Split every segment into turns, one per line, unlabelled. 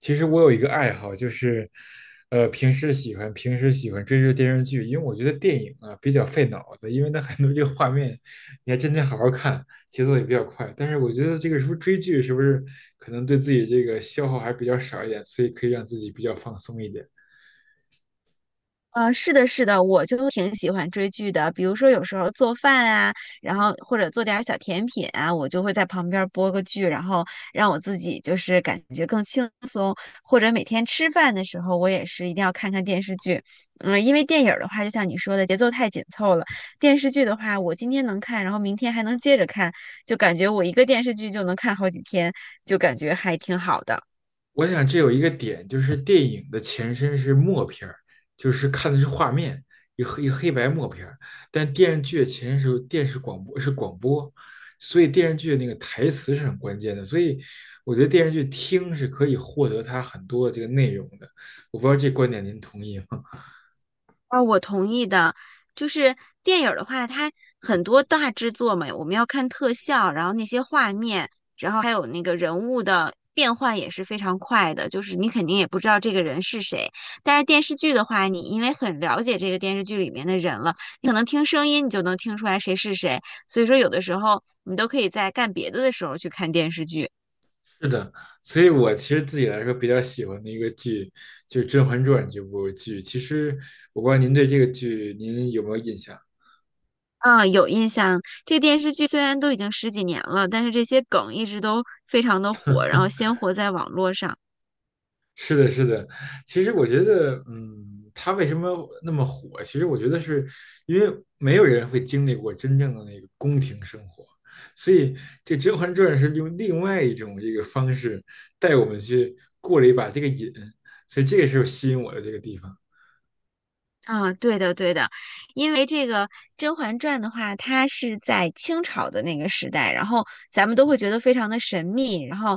其实我有一个爱好，就是，平时喜欢追着电视剧，因为我觉得电影啊比较费脑子，因为它很多这个画面，你还真得好好看，节奏也比较快。但是我觉得这个是不是追剧，是不是可能对自己这个消耗还比较少一点，所以可以让自己比较放松一点。
是的，是的，我就挺喜欢追剧的。比如说，有时候做饭啊，然后或者做点儿小甜品啊，我就会在旁边儿播个剧，然后让我自己就是感觉更轻松。或者每天吃饭的时候，我也是一定要看看电视剧。嗯，因为电影儿的话，就像你说的，节奏太紧凑了；电视剧的话，我今天能看，然后明天还能接着看，就感觉我一个电视剧就能看好几天，就感觉还挺好的。
我想这有一个点，就是电影的前身是默片儿，就是看的是画面，一黑一黑白默片儿。但电视剧的前身是电视广播，是广播，所以电视剧的那个台词是很关键的。所以我觉得电视剧听是可以获得它很多的这个内容的。我不知道这观点您同意吗？
啊，我同意的。就是电影儿的话，它很多大制作嘛，我们要看特效，然后那些画面，然后还有那个人物的变换也是非常快的，就是你肯定也不知道这个人是谁。但是电视剧的话，你因为很了解这个电视剧里面的人了，你可能听声音你就能听出来谁是谁，所以说有的时候你都可以在干别的的时候去看电视剧。
是的，所以我其实自己来说比较喜欢的一个剧就是《甄嬛传》这部剧。其实我不知道您对这个剧您有没有印象？
啊，有印象。这电视剧虽然都已经十几年了，但是这些梗一直都非常的火，然后鲜活在网络上。
是的，是的。其实我觉得，嗯，他为什么那么火？其实我觉得是因为没有人会经历过真正的那个宫廷生活，所以这《甄嬛传》是用另外一种这个方式带我们去过了一把这个瘾，所以这个是吸引我的这个地方。
啊，对的，对的，因为这个《甄嬛传》的话，它是在清朝的那个时代，然后咱们都会觉得非常的神秘，然后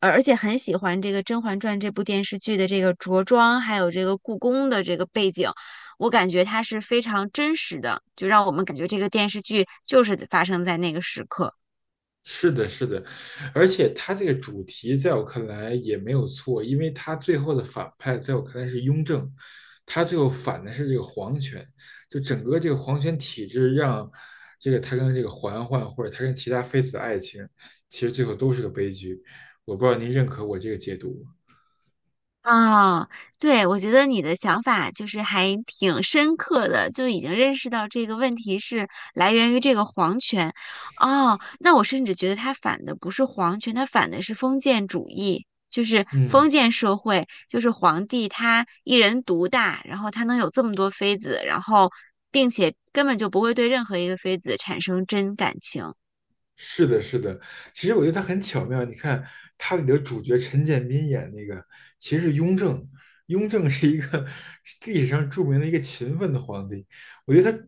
而且很喜欢这个《甄嬛传》这部电视剧的这个着装，还有这个故宫的这个背景，我感觉它是非常真实的，就让我们感觉这个电视剧就是发生在那个时刻。
是的，是的，而且他这个主题在我看来也没有错，因为他最后的反派在我看来是雍正，他最后反的是这个皇权，就整个这个皇权体制让这个他跟这个嬛嬛或者他跟其他妃子的爱情，其实最后都是个悲剧。我不知道您认可我这个解读吗？
啊，对，我觉得你的想法就是还挺深刻的，就已经认识到这个问题是来源于这个皇权。哦，那我甚至觉得他反的不是皇权，他反的是封建主义，就是
嗯。
封建社会，就是皇帝他一人独大，然后他能有这么多妃子，然后并且根本就不会对任何一个妃子产生真感情。
是的，是的，其实我觉得他很巧妙。你看，他里的主角陈建斌演那个，其实是雍正。雍正是一个是历史上著名的一个勤奋的皇帝。我觉得他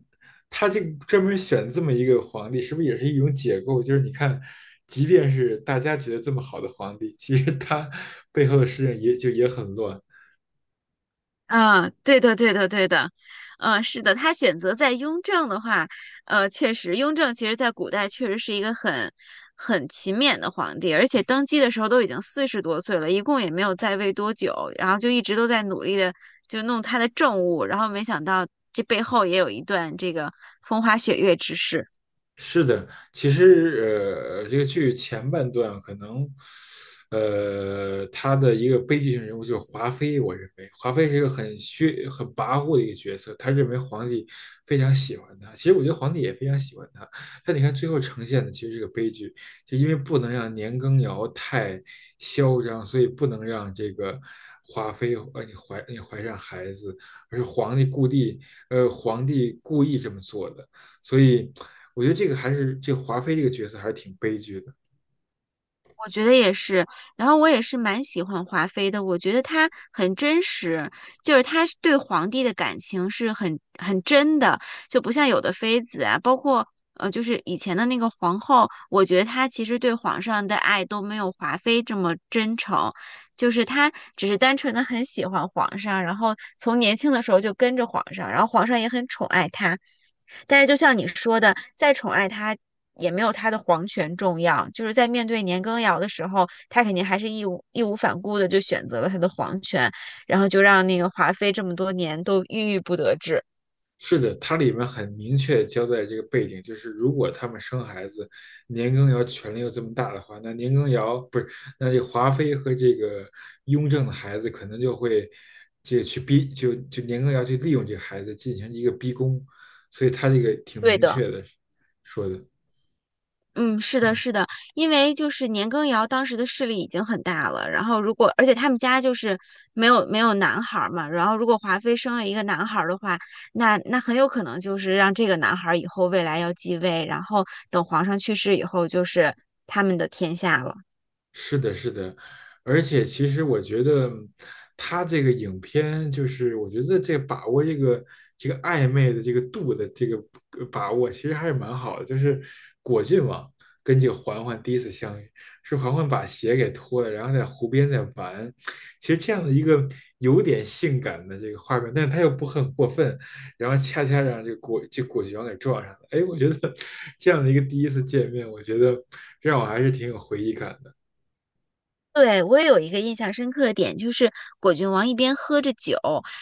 这个专门选这么一个皇帝，是不是也是一种解构？就是你看，即便是大家觉得这么好的皇帝，其实他背后的事情也就也很乱。
啊，对的，对的，对的，嗯，是的，他选择在雍正的话，呃，确实，雍正其实在古代确实是一个很勤勉的皇帝，而且登基的时候都已经40多岁了，一共也没有在位多久，然后就一直都在努力的就弄他的政务，然后没想到这背后也有一段这个风花雪月之事。
是的，其实这个剧前半段可能，他的一个悲剧性人物就是华妃。我认为华妃是一个很虚、很跋扈的一个角色，他认为皇帝非常喜欢他。其实我觉得皇帝也非常喜欢他，但你看最后呈现的其实是个悲剧，就因为不能让年羹尧太嚣张，所以不能让这个华妃你怀上孩子，而是皇帝皇帝故意这么做的。所以我觉得这个还是这个华妃这个角色还是挺悲剧的。
我觉得也是，然后我也是蛮喜欢华妃的，我觉得她很真实，就是她是对皇帝的感情是很真的，就不像有的妃子啊，包括就是以前的那个皇后，我觉得她其实对皇上的爱都没有华妃这么真诚。就是他只是单纯的很喜欢皇上，然后从年轻的时候就跟着皇上，然后皇上也很宠爱他。但是就像你说的，再宠爱他也没有他的皇权重要。就是在面对年羹尧的时候，他肯定还是义无反顾的就选择了他的皇权，然后就让那个华妃这么多年都郁郁不得志。
是的，它里面很明确交代这个背景，就是如果他们生孩子，年羹尧权力又这么大的话，那年羹尧不是，那这个华妃和这个雍正的孩子可能就会这个去逼，就年羹尧去利用这个孩子进行一个逼宫，所以他这个挺
对
明
的，
确的说的，
嗯，是的，
嗯。
是的，因为就是年羹尧当时的势力已经很大了，然后如果而且他们家就是没有男孩儿嘛，然后如果华妃生了一个男孩儿的话，那很有可能就是让这个男孩儿以后未来要继位，然后等皇上去世以后就是他们的天下了。
是的，是的，而且其实我觉得他这个影片就是，我觉得这个把握这个这个暧昧的这个度的这个把握，其实还是蛮好的。就是果郡王跟这个嬛嬛第一次相遇，是嬛嬛把鞋给脱了，然后在湖边在玩。其实这样的一个有点性感的这个画面，但是他又不很过分，然后恰恰让这个这果郡王给撞上了。哎，我觉得 这样的一个第一次见面，我觉得让我还是挺有回忆感的。
对，我也有一个印象深刻的点，就是果郡王一边喝着酒，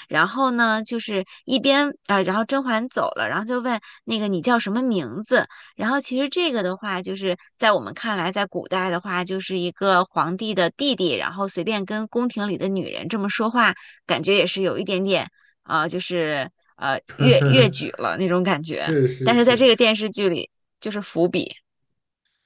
然后呢，就是一边啊、然后甄嬛走了，然后就问那个你叫什么名字？然后其实这个的话，就是在我们看来，在古代的话，就是一个皇帝的弟弟，然后随便跟宫廷里的女人这么说话，感觉也是有一点点啊、就是越矩了那种感 觉。
是是
但是在
是，
这个电视剧里，就是伏笔。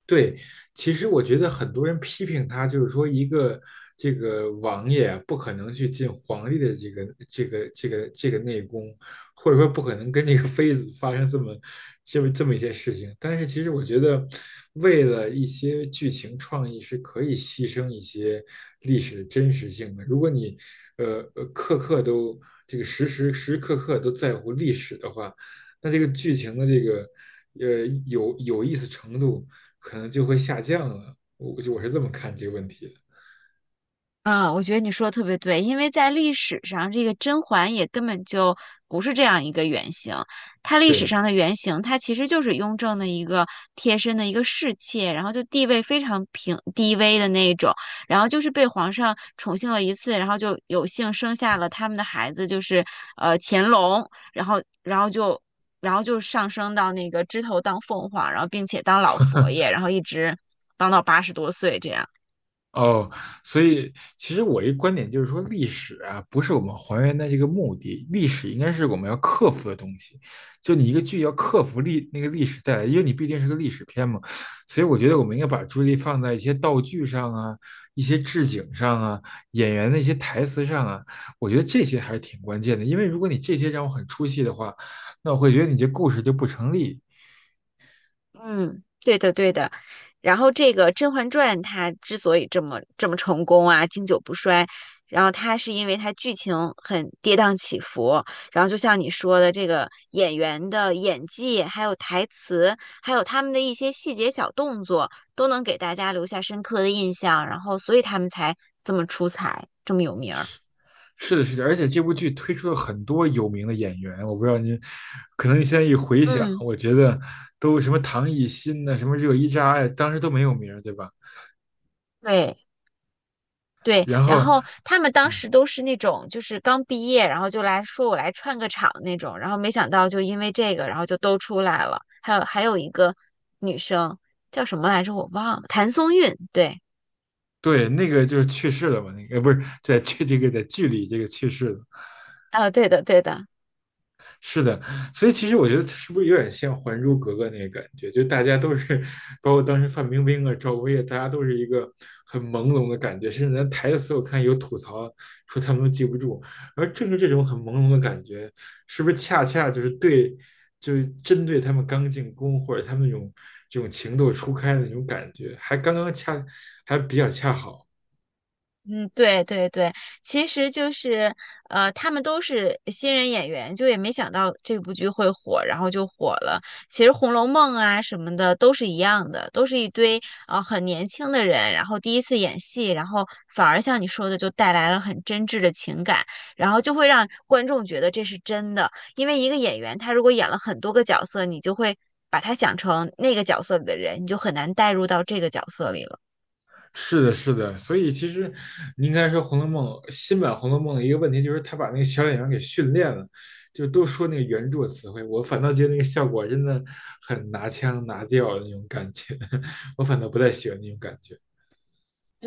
对，其实我觉得很多人批评他，就是说一个这个王爷啊不可能去进皇帝的这个内宫，或者说不可能跟这个妃子发生这么一些事情。但是其实我觉得，为了一些剧情创意是可以牺牲一些历史的真实性的。如果你刻刻都这个时时刻刻都在乎历史的话，那这个剧情的这个有意思程度。可能就会下降了。我是这么看这个问题的。
嗯，我觉得你说的特别对，因为在历史上，这个甄嬛也根本就不是这样一个原型。她历史
对，
上的原型，她其实就是雍正的一个贴身的一个侍妾，然后就地位非常平低微的那一种，然后就是被皇上宠幸了一次，然后就有幸生下了他们的孩子，就是乾隆，然后然后就然后就上升到那个枝头当凤凰，然后并且当老佛爷，然后一直当到80多岁这样。
哦，所以其实我一观点就是说，历史啊不是我们还原的这个目的，历史应该是我们要克服的东西。就你一个剧要克服那个历史带来，因为你毕竟是个历史片嘛，所以我觉得我们应该把注意力放在一些道具上啊、一些置景上啊、演员的一些台词上啊，我觉得这些还是挺关键的。因为如果你这些让我很出戏的话，那我会觉得你这故事就不成立，
嗯，对的，对的。然后这个《甄嬛传》它之所以这么这么成功啊，经久不衰，然后它是因为它剧情很跌宕起伏，然后就像你说的，这个演员的演技，还有台词，还有他们的一些细节小动作，都能给大家留下深刻的印象，然后所以他们才这么出彩，这么有名儿。
是的，是的，而且这部剧推出了很多有名的演员，我不知道您，可能你现在一回想，
嗯，
我觉得都什么唐艺昕呐，什么热依扎呀，当时都没有名儿，对吧？
对。对，
然
然
后，
后他们当
嗯，
时都是那种就是刚毕业，然后就来说我来串个场那种，然后没想到就因为这个，然后就都出来了。还有一个女生叫什么来着，我忘了，谭松韵。对，
对，那个就是去世了嘛，那个不是在剧在剧里这个去世了，
啊，对的对的，
是的，所以其实我觉得是不是有点像《还珠格格》那个感觉？就大家都是，包括当时范冰冰啊、赵薇啊，大家都是一个很朦胧的感觉，甚至连台词我看有吐槽说他们都记不住。而正是这种很朦胧的感觉，是不是恰恰就是对，就是针对他们刚进宫或者他们那种这种情窦初开的那种感觉，还比较恰好。
嗯，对对对，其实就是他们都是新人演员，就也没想到这部剧会火，然后就火了。其实《红楼梦》啊什么的都是一样的，都是一堆啊很年轻的人，然后第一次演戏，然后反而像你说的，就带来了很真挚的情感，然后就会让观众觉得这是真的。因为一个演员他如果演了很多个角色，你就会把他想成那个角色里的人，你就很难带入到这个角色里了。
是的，是的，所以其实你应该说《红楼梦》新版《红楼梦》的一个问题就是，他把那个小演员给训练了，就都说那个原著词汇，我反倒觉得那个效果真的很拿腔拿调的那种感觉，我反倒不太喜欢那种感觉。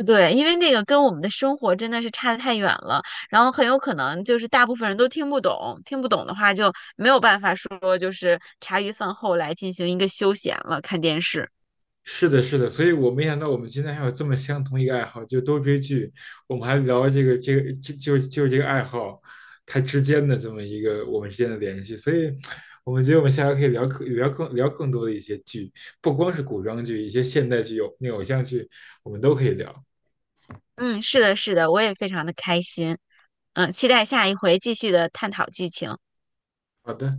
对，因为那个跟我们的生活真的是差得太远了，然后很有可能就是大部分人都听不懂，听不懂的话就没有办法说就是茶余饭后来进行一个休闲了，看电视。
是的，是的，所以我没想到我们今天还有这么相同一个爱好，就都追剧。我们还聊这个这个就就就这个爱好，它之间的这么一个我们之间的联系。所以，我们觉得我们下回可以聊更多的一些剧，不光是古装剧，一些现代剧、有那偶像剧，我们都可以聊。
嗯，是的，是的，我也非常的开心。嗯，期待下一回继续的探讨剧情。
好的。